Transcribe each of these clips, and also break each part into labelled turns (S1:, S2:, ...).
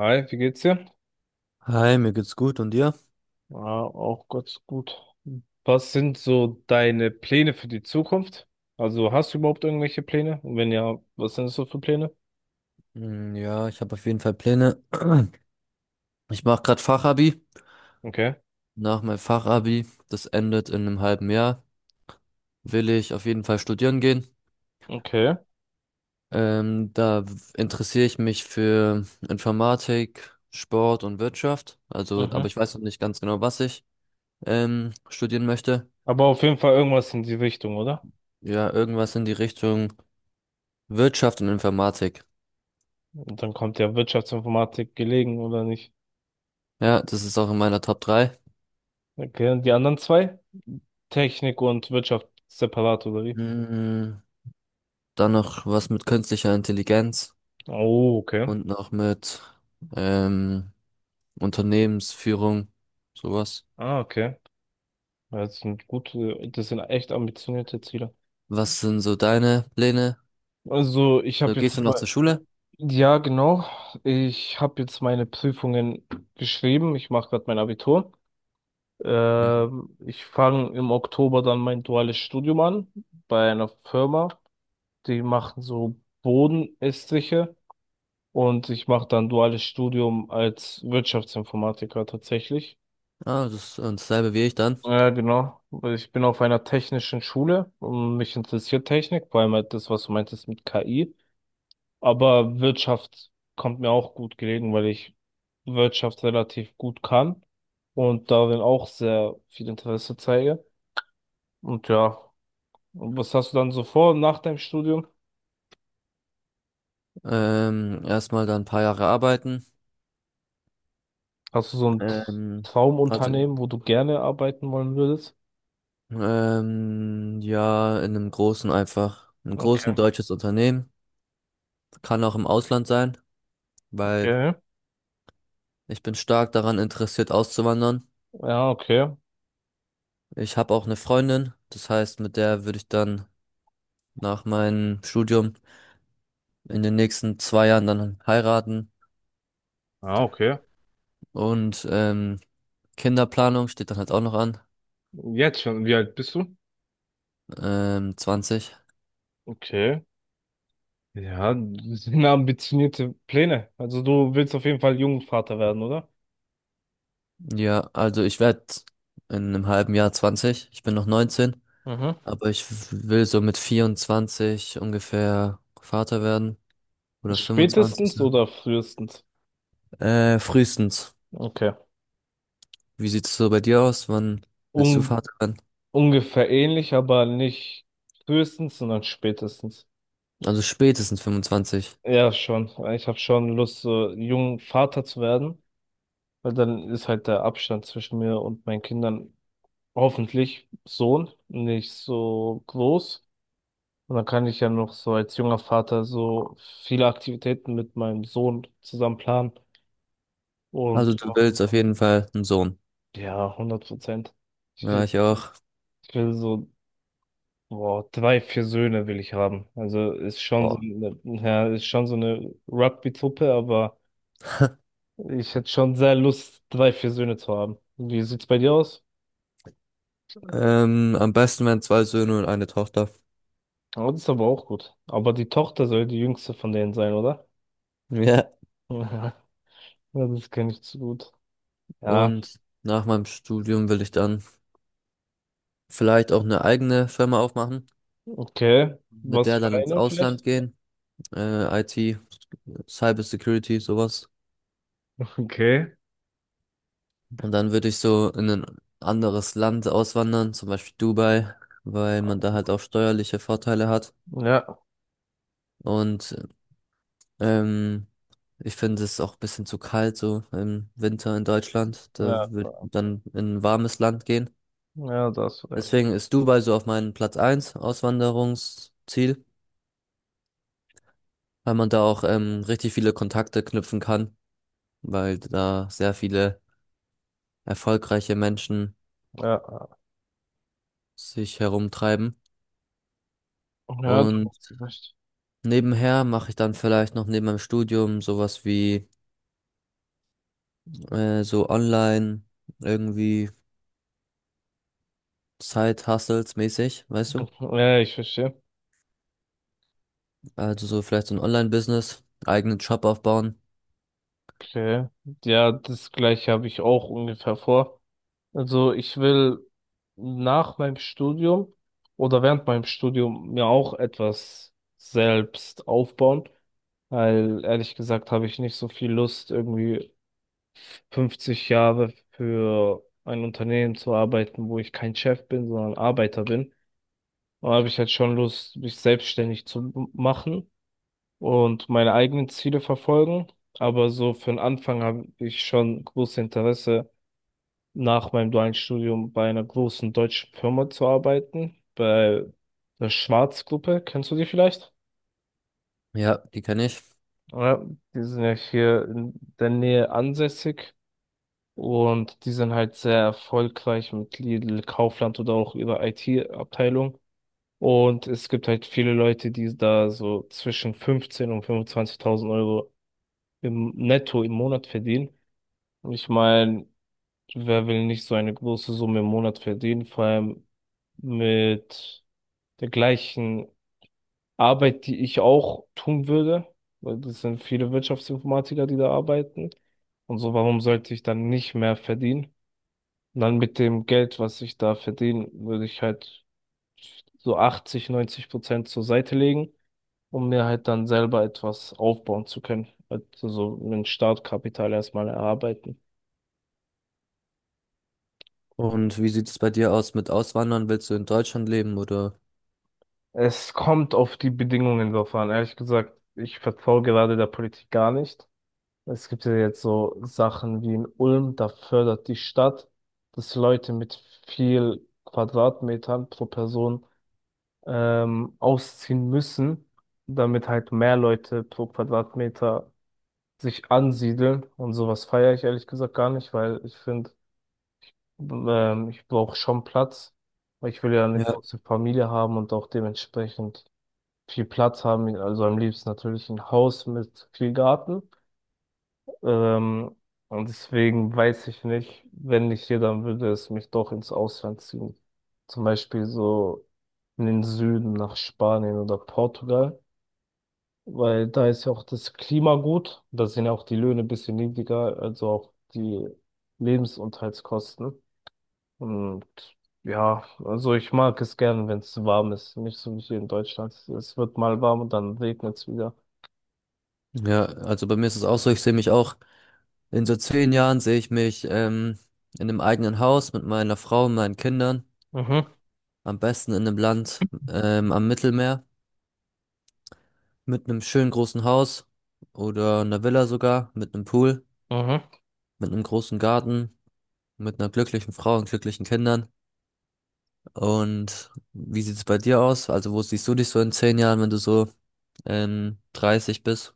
S1: Hi, wie geht's dir?
S2: Hi, mir geht's gut und dir?
S1: Ja, auch ganz gut. Was sind so deine Pläne für die Zukunft? Also hast du überhaupt irgendwelche Pläne? Und wenn ja, was sind das so für Pläne?
S2: Ja, ich habe auf jeden Fall Pläne. Ich mache gerade Fachabi.
S1: Okay,
S2: Nach meinem Fachabi, das endet in einem halben Jahr, will ich auf jeden Fall studieren gehen.
S1: okay,
S2: Interessiere ich mich für Informatik, Sport und Wirtschaft. Also, aber
S1: mhm.
S2: ich weiß noch nicht ganz genau, was ich studieren möchte.
S1: Aber auf jeden Fall irgendwas in die Richtung, oder?
S2: Ja, irgendwas in die Richtung Wirtschaft und Informatik.
S1: Und dann kommt ja Wirtschaftsinformatik gelegen, oder nicht?
S2: Ja, das ist auch in meiner Top drei.
S1: Okay, und die anderen zwei? Technik und Wirtschaft separat, oder wie?
S2: Hm, Dann noch was mit künstlicher Intelligenz.
S1: Oh, okay.
S2: Und noch mit ähm, Unternehmensführung, sowas.
S1: Ah, okay. Ja, das sind echt ambitionierte Ziele.
S2: Was sind so deine Pläne?
S1: Also, ich
S2: Du
S1: habe jetzt.
S2: gehst du noch zur Schule?
S1: Ja, genau. Ich habe jetzt meine Prüfungen geschrieben. Ich mache gerade mein Abitur.
S2: Ja.
S1: Ich fange im Oktober dann mein duales Studium an bei einer Firma. Die machen so Bodenestriche und ich mache dann duales Studium als Wirtschaftsinformatiker tatsächlich.
S2: Ah, das ist dasselbe wie ich dann.
S1: Ja, genau. Weil ich bin auf einer technischen Schule und mich interessiert Technik, vor allem halt das, was du meintest mit KI. Aber Wirtschaft kommt mir auch gut gelegen, weil ich Wirtschaft relativ gut kann und darin auch sehr viel Interesse zeige. Und ja, und was hast du dann so vor nach deinem Studium?
S2: Erstmal dann ein paar Jahre arbeiten.
S1: Hast du so ein
S2: Ähm, also,
S1: Traumunternehmen, wo du gerne arbeiten wollen würdest?
S2: ja, in einem großen einfach, einem großen
S1: Okay,
S2: deutsches Unternehmen. Kann auch im Ausland sein, weil
S1: okay.
S2: ich bin stark daran interessiert, auszuwandern.
S1: Ja, okay.
S2: Ich habe auch eine Freundin, das heißt, mit der würde ich dann nach meinem Studium in den nächsten 2 Jahren dann heiraten
S1: Ah, okay.
S2: und Kinderplanung steht dann halt auch noch an.
S1: Jetzt schon. Wie alt bist du?
S2: 20.
S1: Okay. Ja, das sind ambitionierte Pläne. Also du willst auf jeden Fall Jungvater werden, oder?
S2: Ja, also ich werde in einem halben Jahr 20. Ich bin noch 19,
S1: Mhm.
S2: aber will so mit 24 ungefähr Vater werden oder 25
S1: Spätestens
S2: so.
S1: oder frühestens?
S2: Frühestens.
S1: Okay.
S2: Wie sieht's so bei dir aus? Wann willst du
S1: Un
S2: Vater werden?
S1: Ungefähr ähnlich, aber nicht frühestens, sondern spätestens.
S2: Also spätestens 25.
S1: Ja, schon. Ich habe schon Lust, so jung Vater zu werden, weil dann ist halt der Abstand zwischen mir und meinen Kindern hoffentlich Sohn nicht so groß. Und dann kann ich ja noch so als junger Vater so viele Aktivitäten mit meinem Sohn zusammen planen. Und
S2: Also du willst auf jeden Fall einen Sohn.
S1: ja, 100%. Ich
S2: Ja,
S1: will,
S2: ich auch.
S1: ich will so Wow, drei, vier Söhne will ich haben. Also ist schon so
S2: Oh.
S1: eine, ja, ist schon so eine Rugby-Truppe, aber ich hätte schon sehr Lust, drei, vier Söhne zu haben. Wie sieht's bei dir aus?
S2: Am besten wären zwei Söhne und eine Tochter.
S1: Oh, das ist aber auch gut. Aber die Tochter soll die jüngste von denen sein, oder?
S2: Ja.
S1: Ja, ja, das kenne ich zu gut. Ja,
S2: Und nach meinem Studium will ich dann vielleicht auch eine eigene Firma aufmachen,
S1: okay.
S2: mit
S1: Was
S2: der
S1: für
S2: dann ins
S1: eine
S2: Ausland
S1: vielleicht?
S2: gehen, IT, Cyber Security, sowas.
S1: Okay.
S2: Und dann würde ich so in ein anderes Land auswandern, zum Beispiel Dubai, weil man da halt auch steuerliche Vorteile hat.
S1: Ja,
S2: Und ähm, ich finde es auch ein bisschen zu kalt so im Winter in Deutschland. Da
S1: ja,
S2: würde ich dann in ein warmes Land gehen.
S1: ja, da hast du recht.
S2: Deswegen ist Dubai so auf meinem Platz eins Auswanderungsziel, weil man da auch richtig viele Kontakte knüpfen kann, weil da sehr viele erfolgreiche Menschen
S1: Ja,
S2: sich herumtreiben.
S1: ja, da
S2: Und
S1: hast du recht.
S2: nebenher mache ich dann vielleicht noch neben meinem Studium sowas wie so online irgendwie Side-Hustles mäßig, weißt du?
S1: Ja, ich verstehe.
S2: Also so vielleicht so ein Online-Business, eigenen Shop aufbauen.
S1: Okay. Ja, das gleiche habe ich auch ungefähr vor. Also ich will nach meinem Studium oder während meinem Studium mir auch etwas selbst aufbauen, weil ehrlich gesagt habe ich nicht so viel Lust, irgendwie 50 Jahre für ein Unternehmen zu arbeiten, wo ich kein Chef bin, sondern Arbeiter bin. Da habe ich halt schon Lust, mich selbstständig zu machen und meine eigenen Ziele verfolgen. Aber so für den Anfang habe ich schon großes Interesse, nach meinem dualen Studium bei einer großen deutschen Firma zu arbeiten, bei der Schwarz-Gruppe. Kennst du die vielleicht?
S2: Ja, die kenne ich.
S1: Ja, die sind ja hier in der Nähe ansässig und die sind halt sehr erfolgreich mit Lidl, Kaufland oder auch ihrer IT-Abteilung. Und es gibt halt viele Leute, die da so zwischen 15 und 25.000 Euro im Netto im Monat verdienen. Ich meine, wer will nicht so eine große Summe im Monat verdienen, vor allem mit der gleichen Arbeit, die ich auch tun würde, weil das sind viele Wirtschaftsinformatiker, die da arbeiten. Und so, warum sollte ich dann nicht mehr verdienen? Und dann mit dem Geld, was ich da verdiene, würde ich halt so 80, 90% zur Seite legen, um mir halt dann selber etwas aufbauen zu können. Also so ein Startkapital erstmal erarbeiten.
S2: Und wie sieht es bei dir aus mit Auswandern? Willst du in Deutschland leben oder?
S1: Es kommt auf die Bedingungen drauf an. Ehrlich gesagt, ich vertraue gerade der Politik gar nicht. Es gibt ja jetzt so Sachen wie in Ulm, da fördert die Stadt, dass Leute mit viel Quadratmetern pro Person ausziehen müssen, damit halt mehr Leute pro Quadratmeter sich ansiedeln. Und sowas feiere ich ehrlich gesagt gar nicht, weil ich finde, ich brauche schon Platz. Weil ich will ja eine
S2: Ja.
S1: große Familie haben und auch dementsprechend viel Platz haben, also am liebsten natürlich ein Haus mit viel Garten. Ähm, und deswegen weiß ich nicht, wenn nicht hier, dann würde es mich doch ins Ausland ziehen. Zum Beispiel so in den Süden nach Spanien oder Portugal, weil da ist ja auch das Klima gut, da sind ja auch die Löhne ein bisschen niedriger, also auch die Lebensunterhaltskosten. Und ja, also ich mag es gern, wenn es warm ist, nicht so wie hier in Deutschland. Es wird mal warm und dann regnet es wieder.
S2: Ja, also bei mir ist es auch so, ich sehe mich auch, in so 10 Jahren sehe ich mich in einem eigenen Haus mit meiner Frau und meinen Kindern,
S1: Mhm.
S2: am besten in einem Land am Mittelmeer, mit einem schönen großen Haus oder einer Villa sogar, mit einem Pool,
S1: Mhm.
S2: mit einem großen Garten, mit einer glücklichen Frau und glücklichen Kindern. Und wie sieht es bei dir aus? Also wo siehst du dich so in 10 Jahren, wenn du so 30 bist?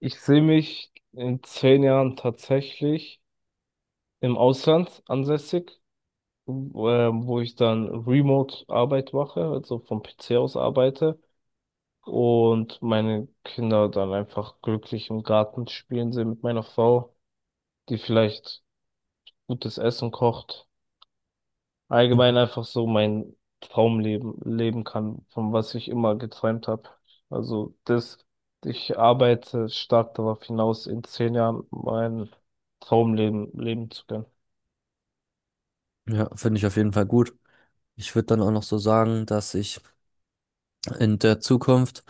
S1: Ich sehe mich in 10 Jahren tatsächlich im Ausland ansässig, wo ich dann Remote-Arbeit mache, also vom PC aus arbeite und meine Kinder dann einfach glücklich im Garten spielen sehe mit meiner Frau, die vielleicht gutes Essen kocht. Allgemein einfach so mein Traumleben leben kann, von was ich immer geträumt habe. Also das, ich arbeite stark darauf hinaus, in 10 Jahren mein Traumleben leben zu können.
S2: Ja, finde ich auf jeden Fall gut. Ich würde dann auch noch so sagen, dass ich in der Zukunft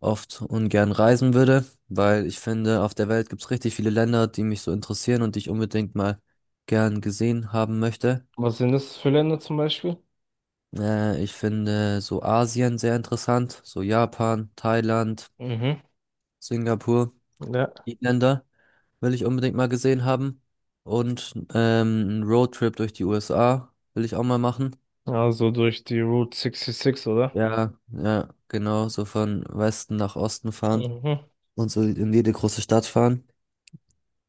S2: oft ungern reisen würde, weil ich finde, auf der Welt gibt es richtig viele Länder, die mich so interessieren und die ich unbedingt mal gern gesehen haben möchte.
S1: Was sind das für Länder zum Beispiel?
S2: Ich finde so Asien sehr interessant, so Japan, Thailand,
S1: Mhm.
S2: Singapur,
S1: Ja.
S2: die Länder will ich unbedingt mal gesehen haben. Und einen Roadtrip durch die USA will ich auch mal machen.
S1: Also durch die Route 66, oder?
S2: Ja, ja, genau, so von Westen nach Osten fahren
S1: Mhm.
S2: und so in jede große Stadt fahren,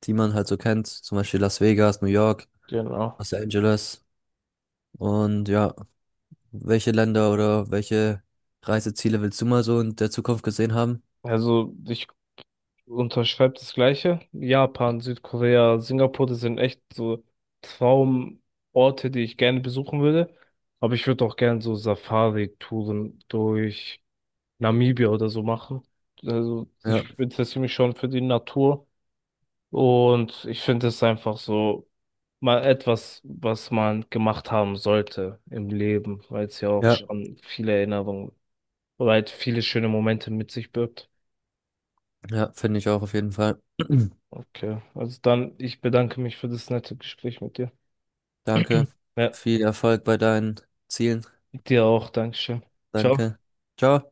S2: die man halt so kennt, zum Beispiel Las Vegas, New York,
S1: Genau.
S2: Los Angeles. Und ja, welche Länder oder welche Reiseziele willst du mal so in der Zukunft gesehen haben?
S1: Also ich unterschreibt das Gleiche. Japan, Südkorea, Singapur, das sind echt so Traumorte, die ich gerne besuchen würde. Aber ich würde auch gerne so Safari-Touren durch Namibia oder so machen. Also ich
S2: Ja,
S1: interessiere mich schon für die Natur und ich finde es einfach so mal etwas, was man gemacht haben sollte im Leben, weil es ja auch
S2: ja,
S1: schon viele Erinnerungen, weil es viele schöne Momente mit sich birgt.
S2: ja, finde ich auch auf jeden Fall.
S1: Okay, also dann, ich bedanke mich für das nette Gespräch mit dir.
S2: Danke.
S1: Ja,
S2: Viel Erfolg bei deinen Zielen.
S1: dir auch, Dankeschön. Ciao.
S2: Danke. Ciao.